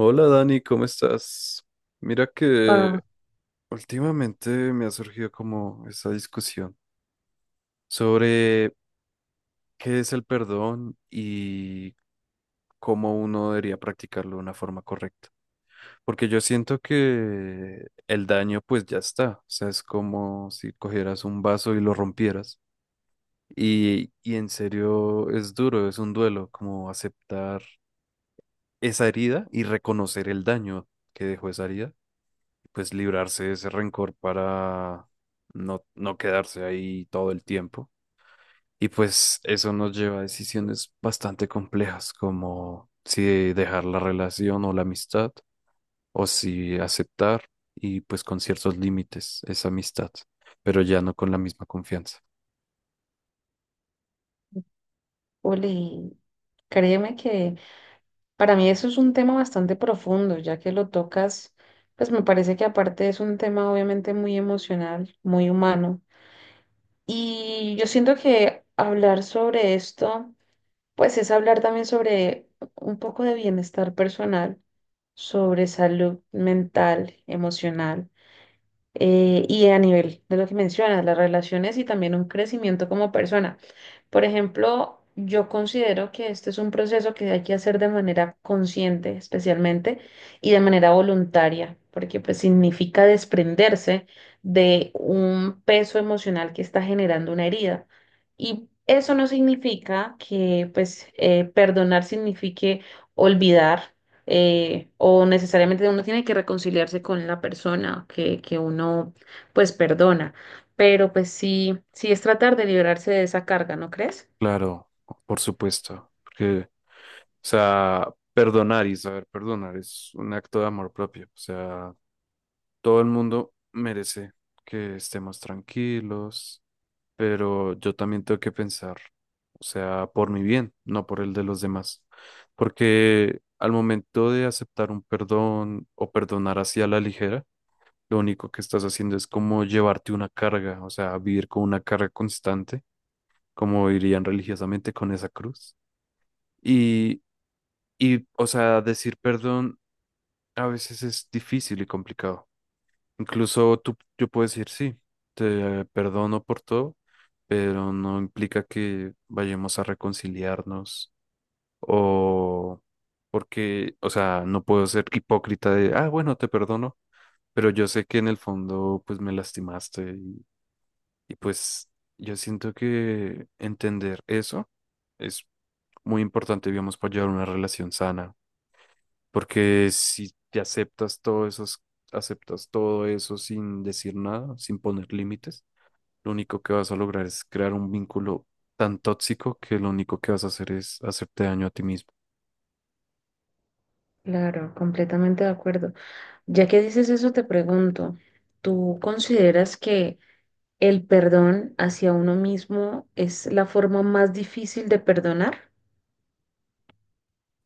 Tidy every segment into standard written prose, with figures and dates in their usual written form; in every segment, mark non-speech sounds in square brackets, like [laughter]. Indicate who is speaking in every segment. Speaker 1: Hola Dani, ¿cómo estás? Mira
Speaker 2: Wow,
Speaker 1: que últimamente me ha surgido como esa discusión sobre qué es el perdón y cómo uno debería practicarlo de una forma correcta. Porque yo siento que el daño pues ya está, o sea, es como si cogieras un vaso y lo rompieras. Y en serio es duro, es un duelo, como aceptar esa herida y reconocer el daño que dejó esa herida pues librarse de ese rencor para no, no quedarse ahí todo el tiempo. Y pues eso nos lleva a decisiones bastante complejas, como si dejar la relación o la amistad, o si aceptar y pues con ciertos límites esa amistad, pero ya no con la misma confianza.
Speaker 2: Uli, créeme que para mí eso es un tema bastante profundo. Ya que lo tocas, pues me parece que aparte es un tema obviamente muy emocional, muy humano. Y yo siento que hablar sobre esto, pues es hablar también sobre un poco de bienestar personal, sobre salud mental, emocional. Y a nivel de lo que mencionas, las relaciones y también un crecimiento como persona. Por ejemplo, yo considero que este es un proceso que hay que hacer de manera consciente, especialmente, y de manera voluntaria, porque pues significa desprenderse de un peso emocional que está generando una herida. Y eso no significa que pues perdonar signifique olvidar o necesariamente uno tiene que reconciliarse con la persona que uno pues perdona, pero pues sí es tratar de liberarse de esa carga, ¿no crees?
Speaker 1: Claro, por supuesto, porque, o sea, perdonar y saber perdonar es un acto de amor propio, o sea, todo el mundo merece que estemos tranquilos, pero yo también tengo que pensar, o sea, por mi bien, no por el de los demás. Porque al momento de aceptar un perdón o perdonar hacia la ligera, lo único que estás haciendo es como llevarte una carga, o sea, vivir con una carga constante, como dirían religiosamente con esa cruz. Y, y, o sea, decir perdón a veces es difícil y complicado. Incluso tú, yo puedo decir, sí, te perdono por todo, pero no implica que vayamos a reconciliarnos o porque, o sea, no puedo ser hipócrita de, ah, bueno, te perdono, pero yo sé que en el fondo, pues me lastimaste y pues yo siento que entender eso es muy importante, digamos, para llevar una relación sana. Porque si te aceptas todo eso sin decir nada, sin poner límites, lo único que vas a lograr es crear un vínculo tan tóxico que lo único que vas a hacer es hacerte daño a ti mismo.
Speaker 2: Claro, completamente de acuerdo. Ya que dices eso, te pregunto, ¿tú consideras que el perdón hacia uno mismo es la forma más difícil de perdonar?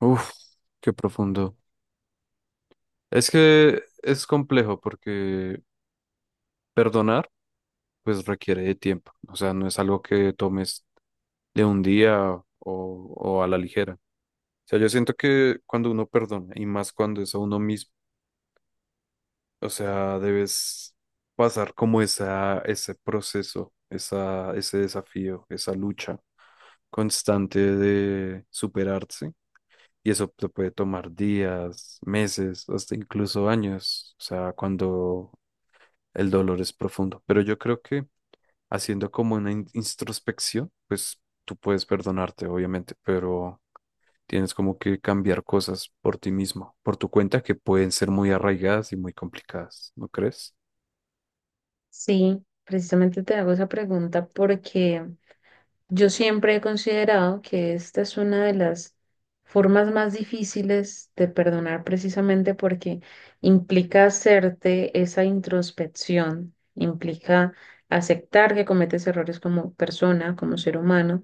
Speaker 1: Uf, qué profundo. Es que es complejo porque perdonar pues requiere de tiempo. O sea, no es algo que tomes de un día o a la ligera. O sea, yo siento que cuando uno perdona y más cuando es a uno mismo, o sea, debes pasar como ese proceso, ese desafío, esa lucha constante de superarse. Y eso te puede tomar días, meses, hasta incluso años, o sea, cuando el dolor es profundo. Pero yo creo que haciendo como una introspección, pues tú puedes perdonarte, obviamente, pero tienes como que cambiar cosas por ti mismo, por tu cuenta, que pueden ser muy arraigadas y muy complicadas, ¿no crees?
Speaker 2: Sí, precisamente te hago esa pregunta porque yo siempre he considerado que esta es una de las formas más difíciles de perdonar, precisamente porque implica hacerte esa introspección, implica aceptar que cometes errores como persona, como ser humano,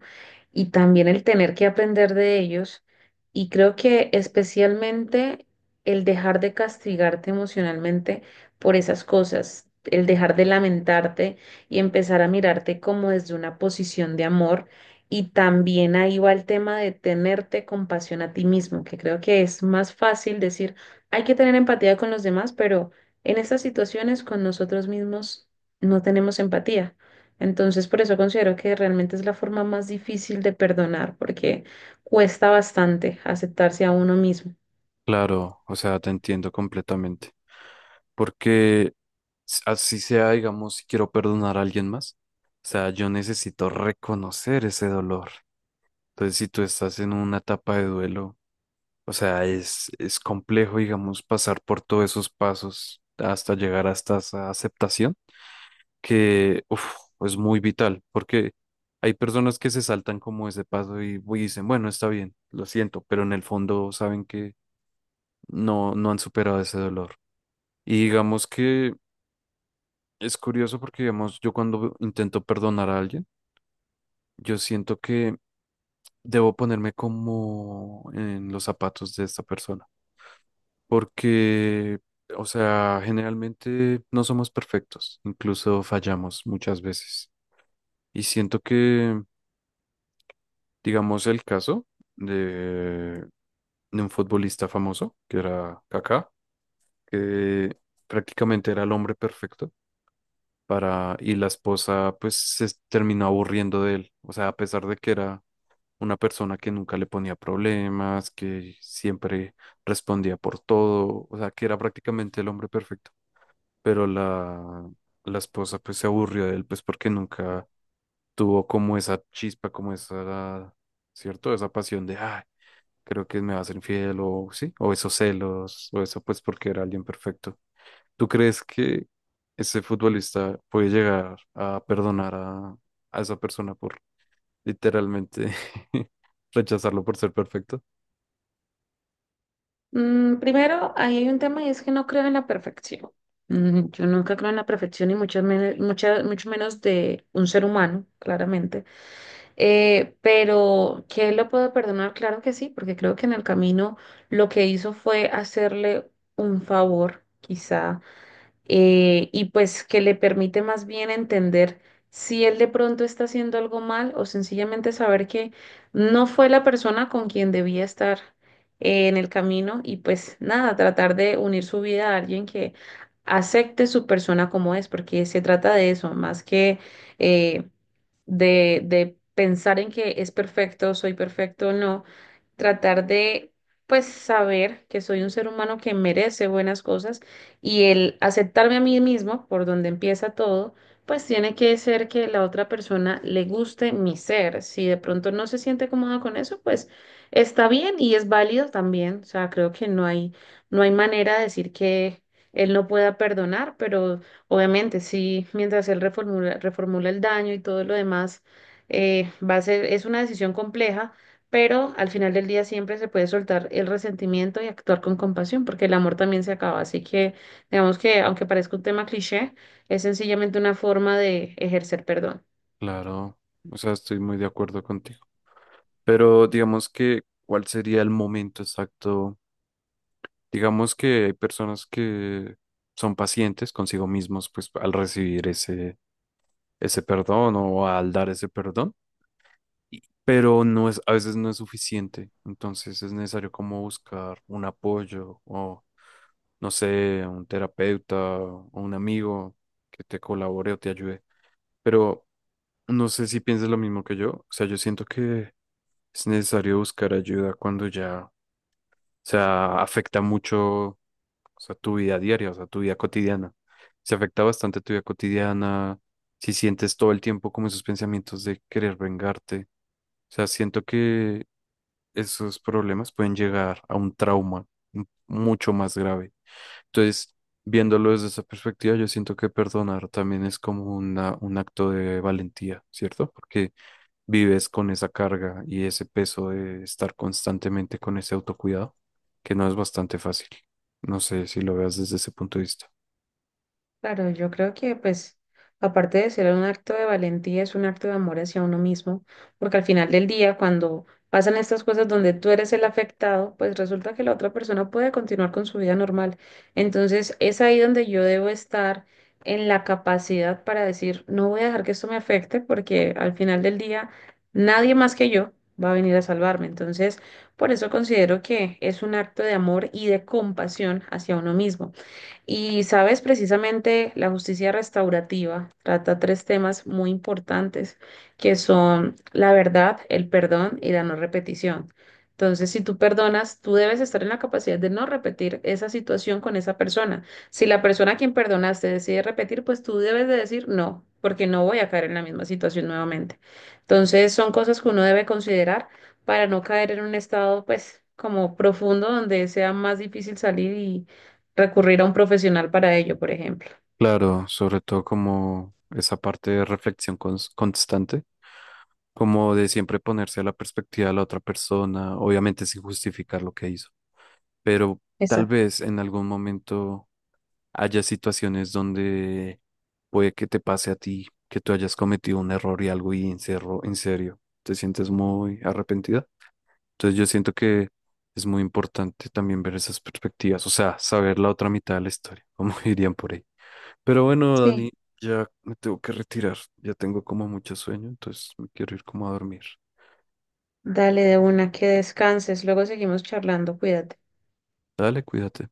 Speaker 2: y también el tener que aprender de ellos. Y creo que especialmente el dejar de castigarte emocionalmente por esas cosas, el dejar de lamentarte y empezar a mirarte como desde una posición de amor. Y también ahí va el tema de tenerte compasión a ti mismo, que creo que es más fácil decir, hay que tener empatía con los demás, pero en estas situaciones con nosotros mismos no tenemos empatía. Entonces, por eso considero que realmente es la forma más difícil de perdonar, porque cuesta bastante aceptarse a uno mismo.
Speaker 1: Claro, o sea, te entiendo completamente. Porque así sea, digamos, si quiero perdonar a alguien más, o sea, yo necesito reconocer ese dolor. Entonces, si tú estás en una etapa de duelo, o sea, es complejo, digamos, pasar por todos esos pasos hasta llegar hasta esa aceptación, que uf, es muy vital, porque hay personas que se saltan como ese paso y dicen, bueno, está bien, lo siento, pero en el fondo saben que no, no han superado ese dolor. Y digamos que es curioso porque, digamos, yo cuando intento perdonar a alguien, yo siento que debo ponerme como en los zapatos de esta persona. Porque, o sea, generalmente no somos perfectos, incluso fallamos muchas veces. Y siento que, digamos, el caso de, de un futbolista famoso, que era Kaká, que prácticamente era el hombre perfecto y la esposa pues se terminó aburriendo de él. O sea, a pesar de que era una persona que nunca le ponía problemas, que siempre respondía por todo, o sea, que era prácticamente el hombre perfecto. Pero la esposa pues se aburrió de él pues porque nunca tuvo como esa chispa, como esa, ¿cierto? Esa pasión de, ah, creo que me va a ser infiel o sí, o esos celos, o eso pues porque era alguien perfecto. ¿Tú crees que ese futbolista puede llegar a perdonar a esa persona por literalmente [laughs] rechazarlo por ser perfecto?
Speaker 2: Mm, primero, ahí hay un tema y es que no creo en la perfección. Mm, yo nunca creo en la perfección y mucho menos de un ser humano, claramente. Pero que él lo puedo perdonar, claro que sí, porque creo que en el camino lo que hizo fue hacerle un favor, quizá, y pues que le permite más bien entender si él de pronto está haciendo algo mal o sencillamente saber que no fue la persona con quien debía estar, en el camino y pues nada, tratar de unir su vida a alguien que acepte su persona como es, porque se trata de eso, más que eh, de pensar en que es perfecto, soy perfecto o no, tratar de, pues, saber que soy un ser humano que merece buenas cosas y el aceptarme a mí mismo, por donde empieza todo, pues tiene que ser que la otra persona le guste mi ser. Si de pronto no se siente cómoda con eso, pues está bien y es válido también. O sea, creo que no hay manera de decir que él no pueda perdonar, pero obviamente sí, mientras él reformula el daño y todo lo demás. Va a ser, es una decisión compleja, pero al final del día siempre se puede soltar el resentimiento y actuar con compasión, porque el amor también se acaba. Así que digamos que, aunque parezca un tema cliché, es sencillamente una forma de ejercer perdón.
Speaker 1: Claro, o sea, estoy muy de acuerdo contigo. Pero digamos que, ¿cuál sería el momento exacto? Digamos que hay personas que son pacientes consigo mismos, pues al recibir ese, ese perdón o al dar ese perdón. Y pero no es, a veces no es suficiente. Entonces es necesario como buscar un apoyo o, no sé, un terapeuta o un amigo que te colabore o te ayude. Pero no sé si piensas lo mismo que yo. O sea, yo siento que es necesario buscar ayuda cuando ya, o sea, afecta mucho, o sea, tu vida diaria, o sea, tu vida cotidiana. Se afecta bastante tu vida cotidiana, si sientes todo el tiempo como esos pensamientos de querer vengarte, o sea, siento que esos problemas pueden llegar a un trauma mucho más grave. Entonces, viéndolo desde esa perspectiva, yo siento que perdonar también es como una, un acto de valentía, ¿cierto? Porque vives con esa carga y ese peso de estar constantemente con ese autocuidado, que no es bastante fácil. No sé si lo veas desde ese punto de vista.
Speaker 2: Claro, yo creo que pues aparte de ser un acto de valentía, es un acto de amor hacia uno mismo, porque al final del día, cuando pasan estas cosas donde tú eres el afectado, pues resulta que la otra persona puede continuar con su vida normal. Entonces es ahí donde yo debo estar en la capacidad para decir, no voy a dejar que esto me afecte, porque al final del día nadie más que yo va a venir a salvarme. Entonces, por eso considero que es un acto de amor y de compasión hacia uno mismo. Y sabes, precisamente la justicia restaurativa trata tres temas muy importantes, que son la verdad, el perdón y la no repetición. Entonces, si tú perdonas, tú debes estar en la capacidad de no repetir esa situación con esa persona. Si la persona a quien perdonaste decide repetir, pues tú debes de decir no, porque no voy a caer en la misma situación nuevamente. Entonces, son cosas que uno debe considerar para no caer en un estado, pues, como profundo donde sea más difícil salir y recurrir a un profesional para ello, por ejemplo.
Speaker 1: Claro, sobre todo como esa parte de reflexión constante, como de siempre ponerse a la perspectiva de la otra persona, obviamente sin justificar lo que hizo, pero tal
Speaker 2: Exacto.
Speaker 1: vez en algún momento haya situaciones donde puede que te pase a ti, que tú hayas cometido un error y algo y en serio, te sientes muy arrepentida. Entonces yo siento que es muy importante también ver esas perspectivas, o sea, saber la otra mitad de la historia, [laughs] como dirían por ahí. Pero bueno,
Speaker 2: Sí,
Speaker 1: Dani, ya me tengo que retirar. Ya tengo como mucho sueño, entonces me quiero ir como a dormir.
Speaker 2: dale de una, que descanses, luego seguimos charlando, cuídate.
Speaker 1: Dale, cuídate.